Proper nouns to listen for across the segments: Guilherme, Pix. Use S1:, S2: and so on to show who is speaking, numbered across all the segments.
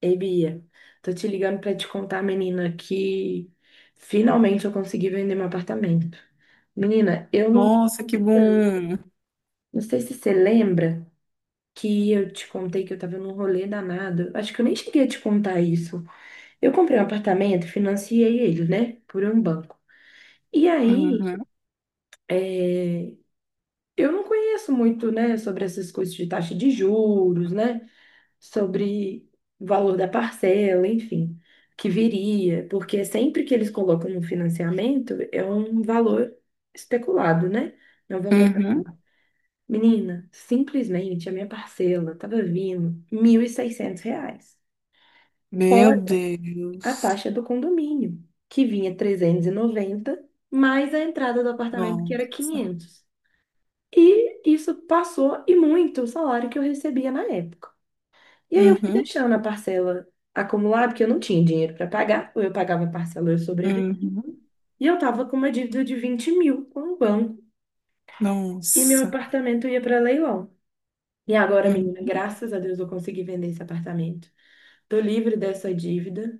S1: Ei, Bia, tô te ligando pra te contar, menina, que finalmente eu consegui vender meu apartamento. Menina, eu não,
S2: Nossa, que bom.
S1: não sei se você lembra que eu te contei que eu tava num rolê danado. Acho que eu nem cheguei a te contar isso. Eu comprei um apartamento, financiei ele, né, por um banco. E aí,
S2: Uhum,
S1: é, eu não conheço muito, né, sobre essas coisas de taxa de juros, né? Sobre o valor da parcela, enfim, que viria, porque sempre que eles colocam um financiamento é um valor especulado, né? É um valor, assim.
S2: uhum.
S1: Menina, simplesmente a minha parcela estava vindo 1.600 reais,
S2: Meu
S1: fora a
S2: Deus.
S1: taxa do condomínio, que vinha 390, mais a entrada do apartamento, que era
S2: Nossa.
S1: quinhentos. E isso passou e muito o salário que eu recebia na época. E aí eu fui
S2: Uhum,
S1: deixando a parcela acumular, porque eu não tinha dinheiro para pagar, ou eu pagava a parcela ou eu sobrevivia.
S2: uhum.
S1: E eu tava com uma dívida de 20 mil com o banco, e meu
S2: Nossa.
S1: apartamento ia para leilão. E agora, menina,
S2: Uhum.
S1: graças a Deus eu consegui vender esse apartamento. Tô livre dessa dívida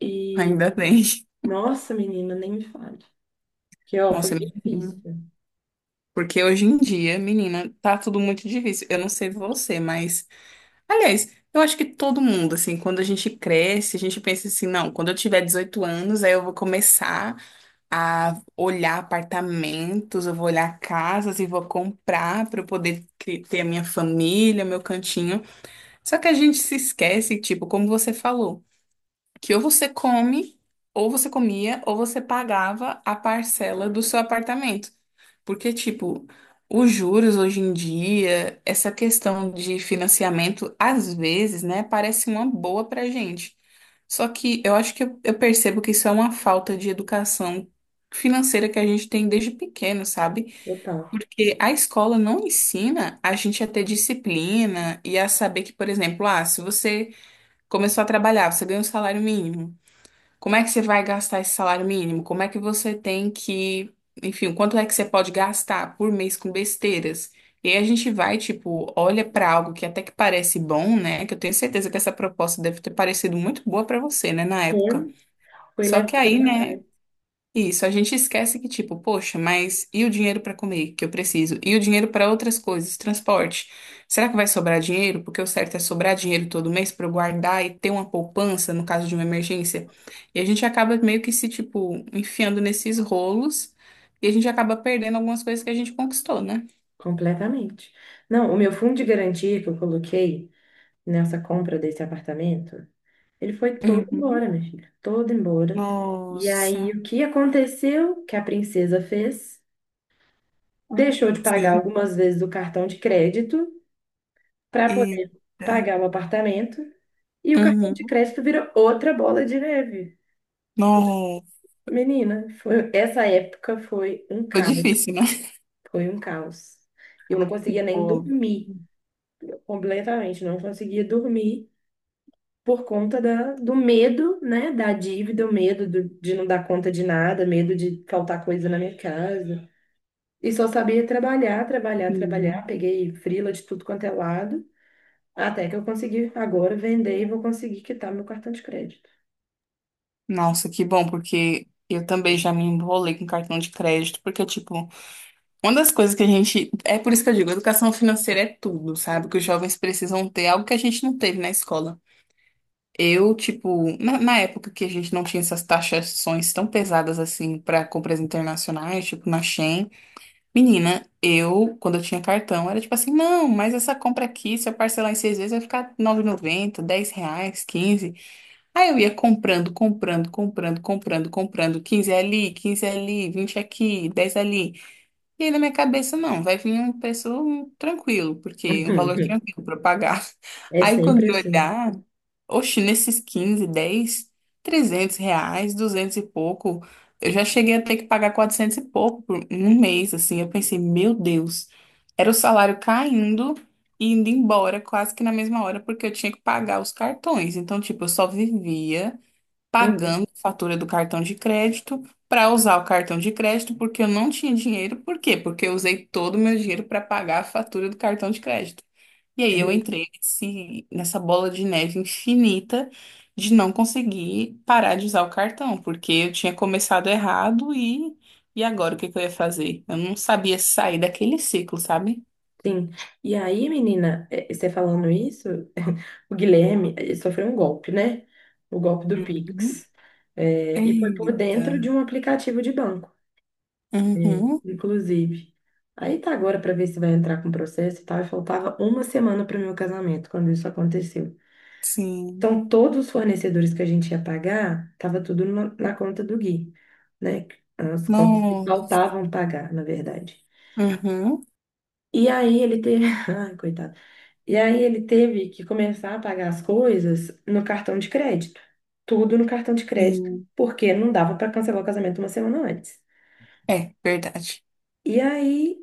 S1: e,
S2: Ainda bem.
S1: nossa, menina, nem me fale. Que, ó,
S2: Nossa,
S1: foi difícil,
S2: menina. Porque hoje em dia, menina, tá tudo muito difícil. Eu não sei você, mas. Aliás, eu acho que todo mundo, assim, quando a gente cresce, a gente pensa assim, não, quando eu tiver 18 anos, aí eu vou começar a olhar apartamentos, eu vou olhar casas e vou comprar para eu poder ter a minha família, meu cantinho. Só que a gente se esquece, tipo, como você falou que ou você come, ou você comia, ou você pagava a parcela do seu apartamento. Porque, tipo, os juros hoje em dia, essa questão de financiamento, às vezes, né, parece uma boa pra gente. Só que eu acho que eu percebo que isso é uma falta de educação financeira que a gente tem desde pequeno, sabe?
S1: total.
S2: Porque a escola não ensina a gente a ter disciplina e a saber que, por exemplo, ah, se você começou a trabalhar, você ganha um salário mínimo. Como é que você vai gastar esse salário mínimo? Como é que você tem que, enfim, quanto é que você pode gastar por mês com besteiras? E aí a gente vai, tipo, olha para algo que até que parece bom, né? Que eu tenho certeza que essa proposta deve ter parecido muito boa para você, né, na
S1: Foi
S2: época.
S1: foi
S2: Só que
S1: levada
S2: aí,
S1: para
S2: né?
S1: trás,
S2: Isso, a gente esquece que, tipo, poxa, mas e o dinheiro para comer que eu preciso? E o dinheiro para outras coisas, transporte? Será que vai sobrar dinheiro? Porque o certo é sobrar dinheiro todo mês para eu guardar e ter uma poupança no caso de uma emergência. E a gente acaba meio que se, tipo, enfiando nesses rolos e a gente acaba perdendo algumas coisas que a gente conquistou, né?
S1: completamente. Não, o meu fundo de garantia que eu coloquei nessa compra desse apartamento, ele foi todo
S2: Uhum.
S1: embora, minha filha, todo embora. E aí,
S2: Nossa.
S1: o que aconteceu? Que a princesa fez? Deixou de pagar
S2: Sim.
S1: algumas vezes o cartão de crédito para poder
S2: Eita.
S1: pagar o apartamento. E o cartão de
S2: Uhum.
S1: crédito virou outra bola de neve.
S2: Nossa.
S1: Menina, foi, essa época foi um
S2: Foi
S1: caos,
S2: difícil, né?
S1: foi um caos. Eu não conseguia nem dormir, completamente, não conseguia dormir por conta da, do medo, né, da dívida, o medo do- de não dar conta de nada, medo de faltar coisa na minha casa. E só sabia trabalhar, trabalhar,
S2: Óbvio.
S1: trabalhar. Peguei frila de tudo quanto é lado, até que eu consegui agora vender e vou conseguir quitar meu cartão de crédito.
S2: Nossa, que bom, porque eu também já me enrolei com cartão de crédito, porque, tipo, uma das coisas que a gente. É por isso que eu digo, educação financeira é tudo, sabe? Que os jovens precisam ter algo que a gente não teve na escola. Eu, tipo, na época que a gente não tinha essas taxações tão pesadas assim para compras internacionais, tipo na Shein, menina, eu, quando eu tinha cartão, era tipo assim, não, mas essa compra aqui, se eu parcelar em seis vezes, vai ficar nove 9,90, R$ 10 reais, quinze. Aí eu ia comprando, comprando, comprando, comprando, comprando, 15 ali, 20 aqui, 10 ali. E aí, na minha cabeça, não, vai vir um preço tranquilo, porque um valor
S1: Uhum.
S2: tranquilo para pagar.
S1: É
S2: Aí, quando
S1: sempre
S2: eu
S1: assim.
S2: olhar, oxe, nesses 15 10 R$ 300, 200 e pouco, eu já cheguei a ter que pagar 400 e pouco por um mês, assim. Eu pensei, meu Deus, era o salário caindo e indo embora quase que na mesma hora, porque eu tinha que pagar os cartões. Então, tipo, eu só vivia
S1: Uhum.
S2: pagando a fatura do cartão de crédito para usar o cartão de crédito porque eu não tinha dinheiro. Por quê? Porque eu usei todo o meu dinheiro para pagar a fatura do cartão de crédito. E
S1: É
S2: aí eu
S1: mesmo.
S2: entrei nessa bola de neve infinita de não conseguir parar de usar o cartão, porque eu tinha começado errado e agora o que que eu ia fazer? Eu não sabia sair daquele ciclo, sabe?
S1: Sim. E aí, menina, você falando isso, o Guilherme ele sofreu um golpe, né? O golpe do
S2: Uhum.
S1: Pix. É, e foi por
S2: Eita.
S1: dentro de um aplicativo de banco. É,
S2: Uhum.
S1: inclusive. Aí tá agora para ver se vai entrar com processo e tal. E faltava uma semana para meu casamento quando isso aconteceu.
S2: Sim.
S1: Então, todos os fornecedores que a gente ia pagar, tava tudo na, na conta do Gui, né? As contas que
S2: Não.
S1: faltavam pagar, na verdade.
S2: Uhum.
S1: E aí ele teve. Ai, coitado. E aí ele teve que começar a pagar as coisas no cartão de crédito. Tudo no cartão de crédito,
S2: Sim.
S1: porque não dava para cancelar o casamento uma semana antes.
S2: É, verdade.
S1: E aí,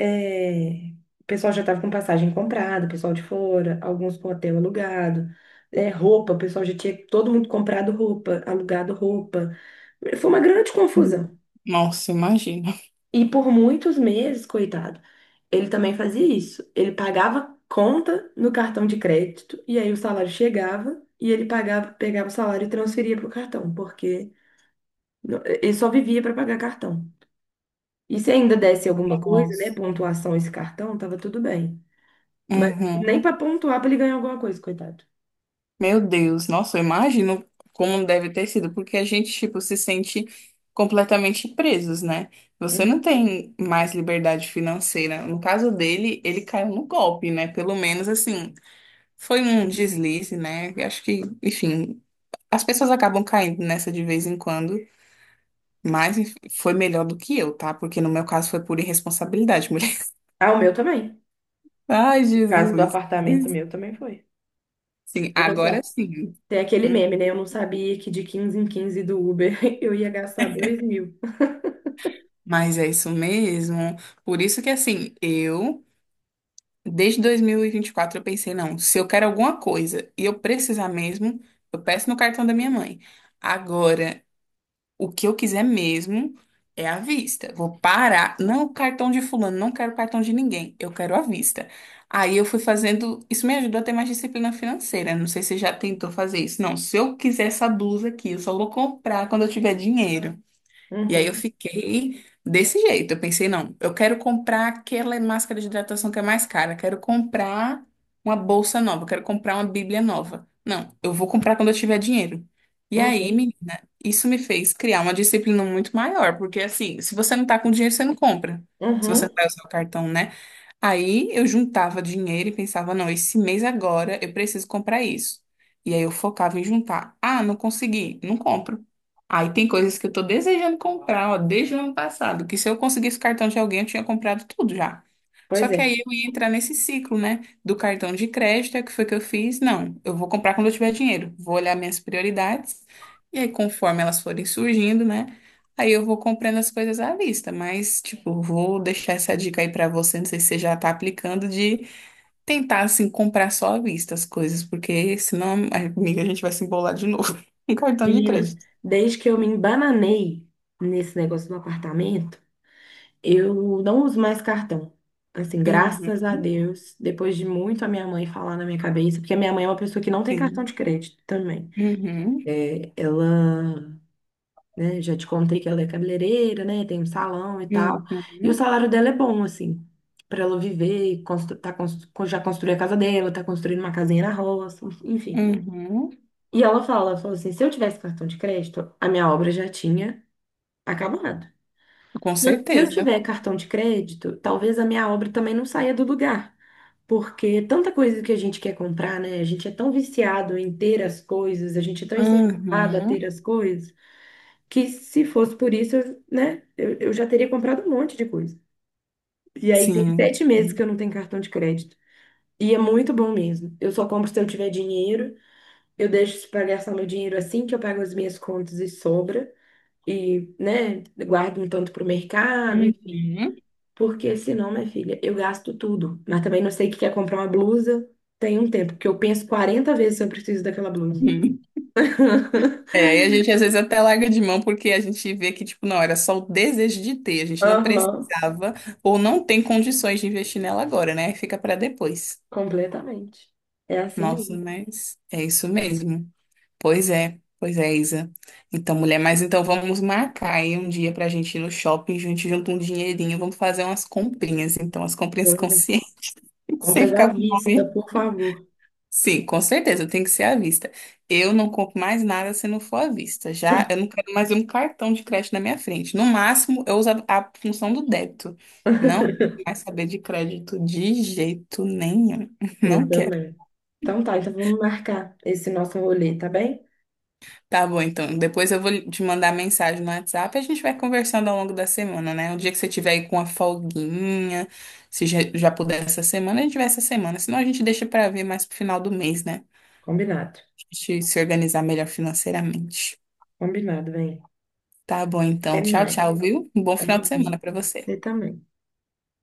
S1: É, o pessoal já estava com passagem comprada, o pessoal de fora, alguns com hotel alugado, é, roupa, o pessoal já tinha todo mundo comprado roupa, alugado roupa. Foi uma grande
S2: Hum.
S1: confusão.
S2: Nossa, imagina.
S1: E por muitos meses, coitado, ele também fazia isso. Ele pagava conta no cartão de crédito, e aí o salário chegava, e ele pagava, pegava o salário e transferia para o cartão, porque no- ele só vivia para pagar cartão. E se ainda desse alguma coisa, né,
S2: Nossa.
S1: pontuação esse cartão, tava tudo bem. Mas nem
S2: Uhum.
S1: pra pontuar pra ele ganhar alguma coisa, coitado.
S2: Meu Deus, nossa, eu imagino como deve ter sido, porque a gente, tipo, se sente completamente presos, né? Você não
S1: Hum.
S2: tem mais liberdade financeira. No caso dele, ele caiu no golpe, né? Pelo menos, assim, foi um deslize, né? Eu acho que, enfim, as pessoas acabam caindo nessa de vez em quando, mas enfim, foi melhor do que eu, tá? Porque no meu caso foi por irresponsabilidade.
S1: Ah, o meu também.
S2: Ai,
S1: O caso do
S2: Jesus.
S1: apartamento meu também foi.
S2: Sim,
S1: Eu não sei.
S2: agora sim.
S1: Tem aquele
S2: Hum,
S1: meme, né? Eu não sabia que de 15 em 15 do Uber eu ia gastar 2 mil.
S2: mas é isso mesmo. Por isso que, assim, eu, desde dois mil e vinte e quatro eu pensei, não, se eu quero alguma coisa e eu precisar mesmo, eu peço no cartão da minha mãe. Agora, o que eu quiser mesmo é à vista. Vou parar. Não o cartão de fulano, não quero cartão de ninguém. Eu quero à vista. Aí eu fui fazendo. Isso me ajudou a ter mais disciplina financeira. Não sei se você já tentou fazer isso. Não, se eu quiser essa blusa aqui, eu só vou comprar quando eu tiver dinheiro. E aí eu
S1: Uhum,
S2: fiquei desse jeito. Eu pensei, não, eu quero comprar aquela máscara de hidratação que é mais cara, quero comprar uma bolsa nova, quero comprar uma Bíblia nova. Não, eu vou comprar quando eu tiver dinheiro. E aí,
S1: uhum,
S2: menina, isso me fez criar uma disciplina muito maior, porque assim, se você não tá com dinheiro, você não compra. Se você não
S1: uhum.
S2: vai usar o cartão, né? Aí eu juntava dinheiro e pensava, não, esse mês agora eu preciso comprar isso. E aí eu focava em juntar. Ah, não consegui, não compro. Aí tem coisas que eu tô desejando comprar, ó, desde o ano passado, que se eu conseguisse o cartão de alguém, eu tinha comprado tudo já. Só
S1: Pois
S2: que
S1: é.
S2: aí eu ia entrar nesse ciclo, né? Do cartão de crédito, é o que foi que eu fiz? Não, eu vou comprar quando eu tiver dinheiro. Vou olhar minhas prioridades. E aí, conforme elas forem surgindo, né? Aí eu vou comprando as coisas à vista, mas, tipo, vou deixar essa dica aí pra você, não sei se você já tá aplicando, de tentar, assim, comprar só à vista as coisas, porque senão, amiga, a gente vai se embolar de novo. em cartão de
S1: Menina,
S2: crédito.
S1: desde que eu me embananei nesse negócio do apartamento, eu não uso mais cartão. Assim,
S2: Uhum,
S1: graças a Deus, depois de muito a minha mãe falar na minha cabeça, porque a minha mãe é uma pessoa que não tem cartão
S2: sim.
S1: de crédito também.
S2: Uhum,
S1: Ela né? Já te contei que ela é cabeleireira, né? Tem um salão e tal. E o
S2: uhum,
S1: salário dela é bom, assim, para ela viver, e constru tá constru já construiu a casa dela, tá construindo uma casinha na roça, enfim.
S2: uhum.
S1: E ela fala, ela falou assim, se eu tivesse cartão de crédito, a minha obra já tinha acabado.
S2: Com
S1: Só que se eu
S2: certeza.
S1: tiver cartão de crédito, talvez a minha obra também não saia do lugar. Porque tanta coisa que a gente quer comprar, né? A gente é tão viciado em ter as coisas, a gente é tão incentivado a
S2: Uhum,
S1: ter as coisas que se fosse por isso, eu, né, eu já teria comprado um monte de coisa. E aí tem
S2: sim.
S1: 7 meses que eu não tenho cartão de crédito. E é muito bom mesmo. Eu só compro se eu tiver dinheiro, eu deixo para gastar meu dinheiro assim que eu pago as minhas contas e sobra. E, né, guardo um tanto para o mercado,
S2: Uhum.
S1: enfim. Porque senão, minha filha, eu gasto tudo. Mas também não sei o que quer comprar uma blusa. Tem um tempo, porque eu penso 40 vezes se eu preciso daquela blusa.
S2: Uhum. É, e a gente às vezes até larga de mão porque a gente vê que, tipo, não, era só o desejo de ter, a gente não
S1: Aham,
S2: precisava ou não tem condições de investir nela agora, né? Fica pra depois.
S1: completamente. É assim
S2: Nossa, mas é isso mesmo. Pois é, Isa. Então, mulher, mas então vamos marcar aí um dia pra gente ir no shopping, a gente junta um dinheirinho, vamos fazer umas comprinhas, então, as comprinhas
S1: mesmo.
S2: conscientes, sem
S1: Compras à
S2: ficar com
S1: vista,
S2: nome.
S1: por favor.
S2: Sim, com certeza, tem que ser à vista. Eu não compro mais nada se não for à vista. Já eu não quero mais um cartão de crédito na minha frente. No máximo, eu uso a função do débito. Não quero mais saber de crédito de jeito nenhum. Não
S1: Eu
S2: quero.
S1: também. Então tá, então vamos marcar esse nosso rolê, tá bem?
S2: Tá bom, então. Depois eu vou te mandar mensagem no WhatsApp e a gente vai conversando ao longo da semana, né? O dia que você tiver aí com a folguinha, se já, já puder essa semana, a gente vai essa semana. Senão a gente deixa pra ver mais pro final do mês, né?
S1: Combinado.
S2: A gente se organizar melhor financeiramente.
S1: Combinado, vem.
S2: Tá bom,
S1: Até
S2: então. Tchau,
S1: mais.
S2: tchau, viu? Um bom final de
S1: Tchau.
S2: semana pra você.
S1: Você também.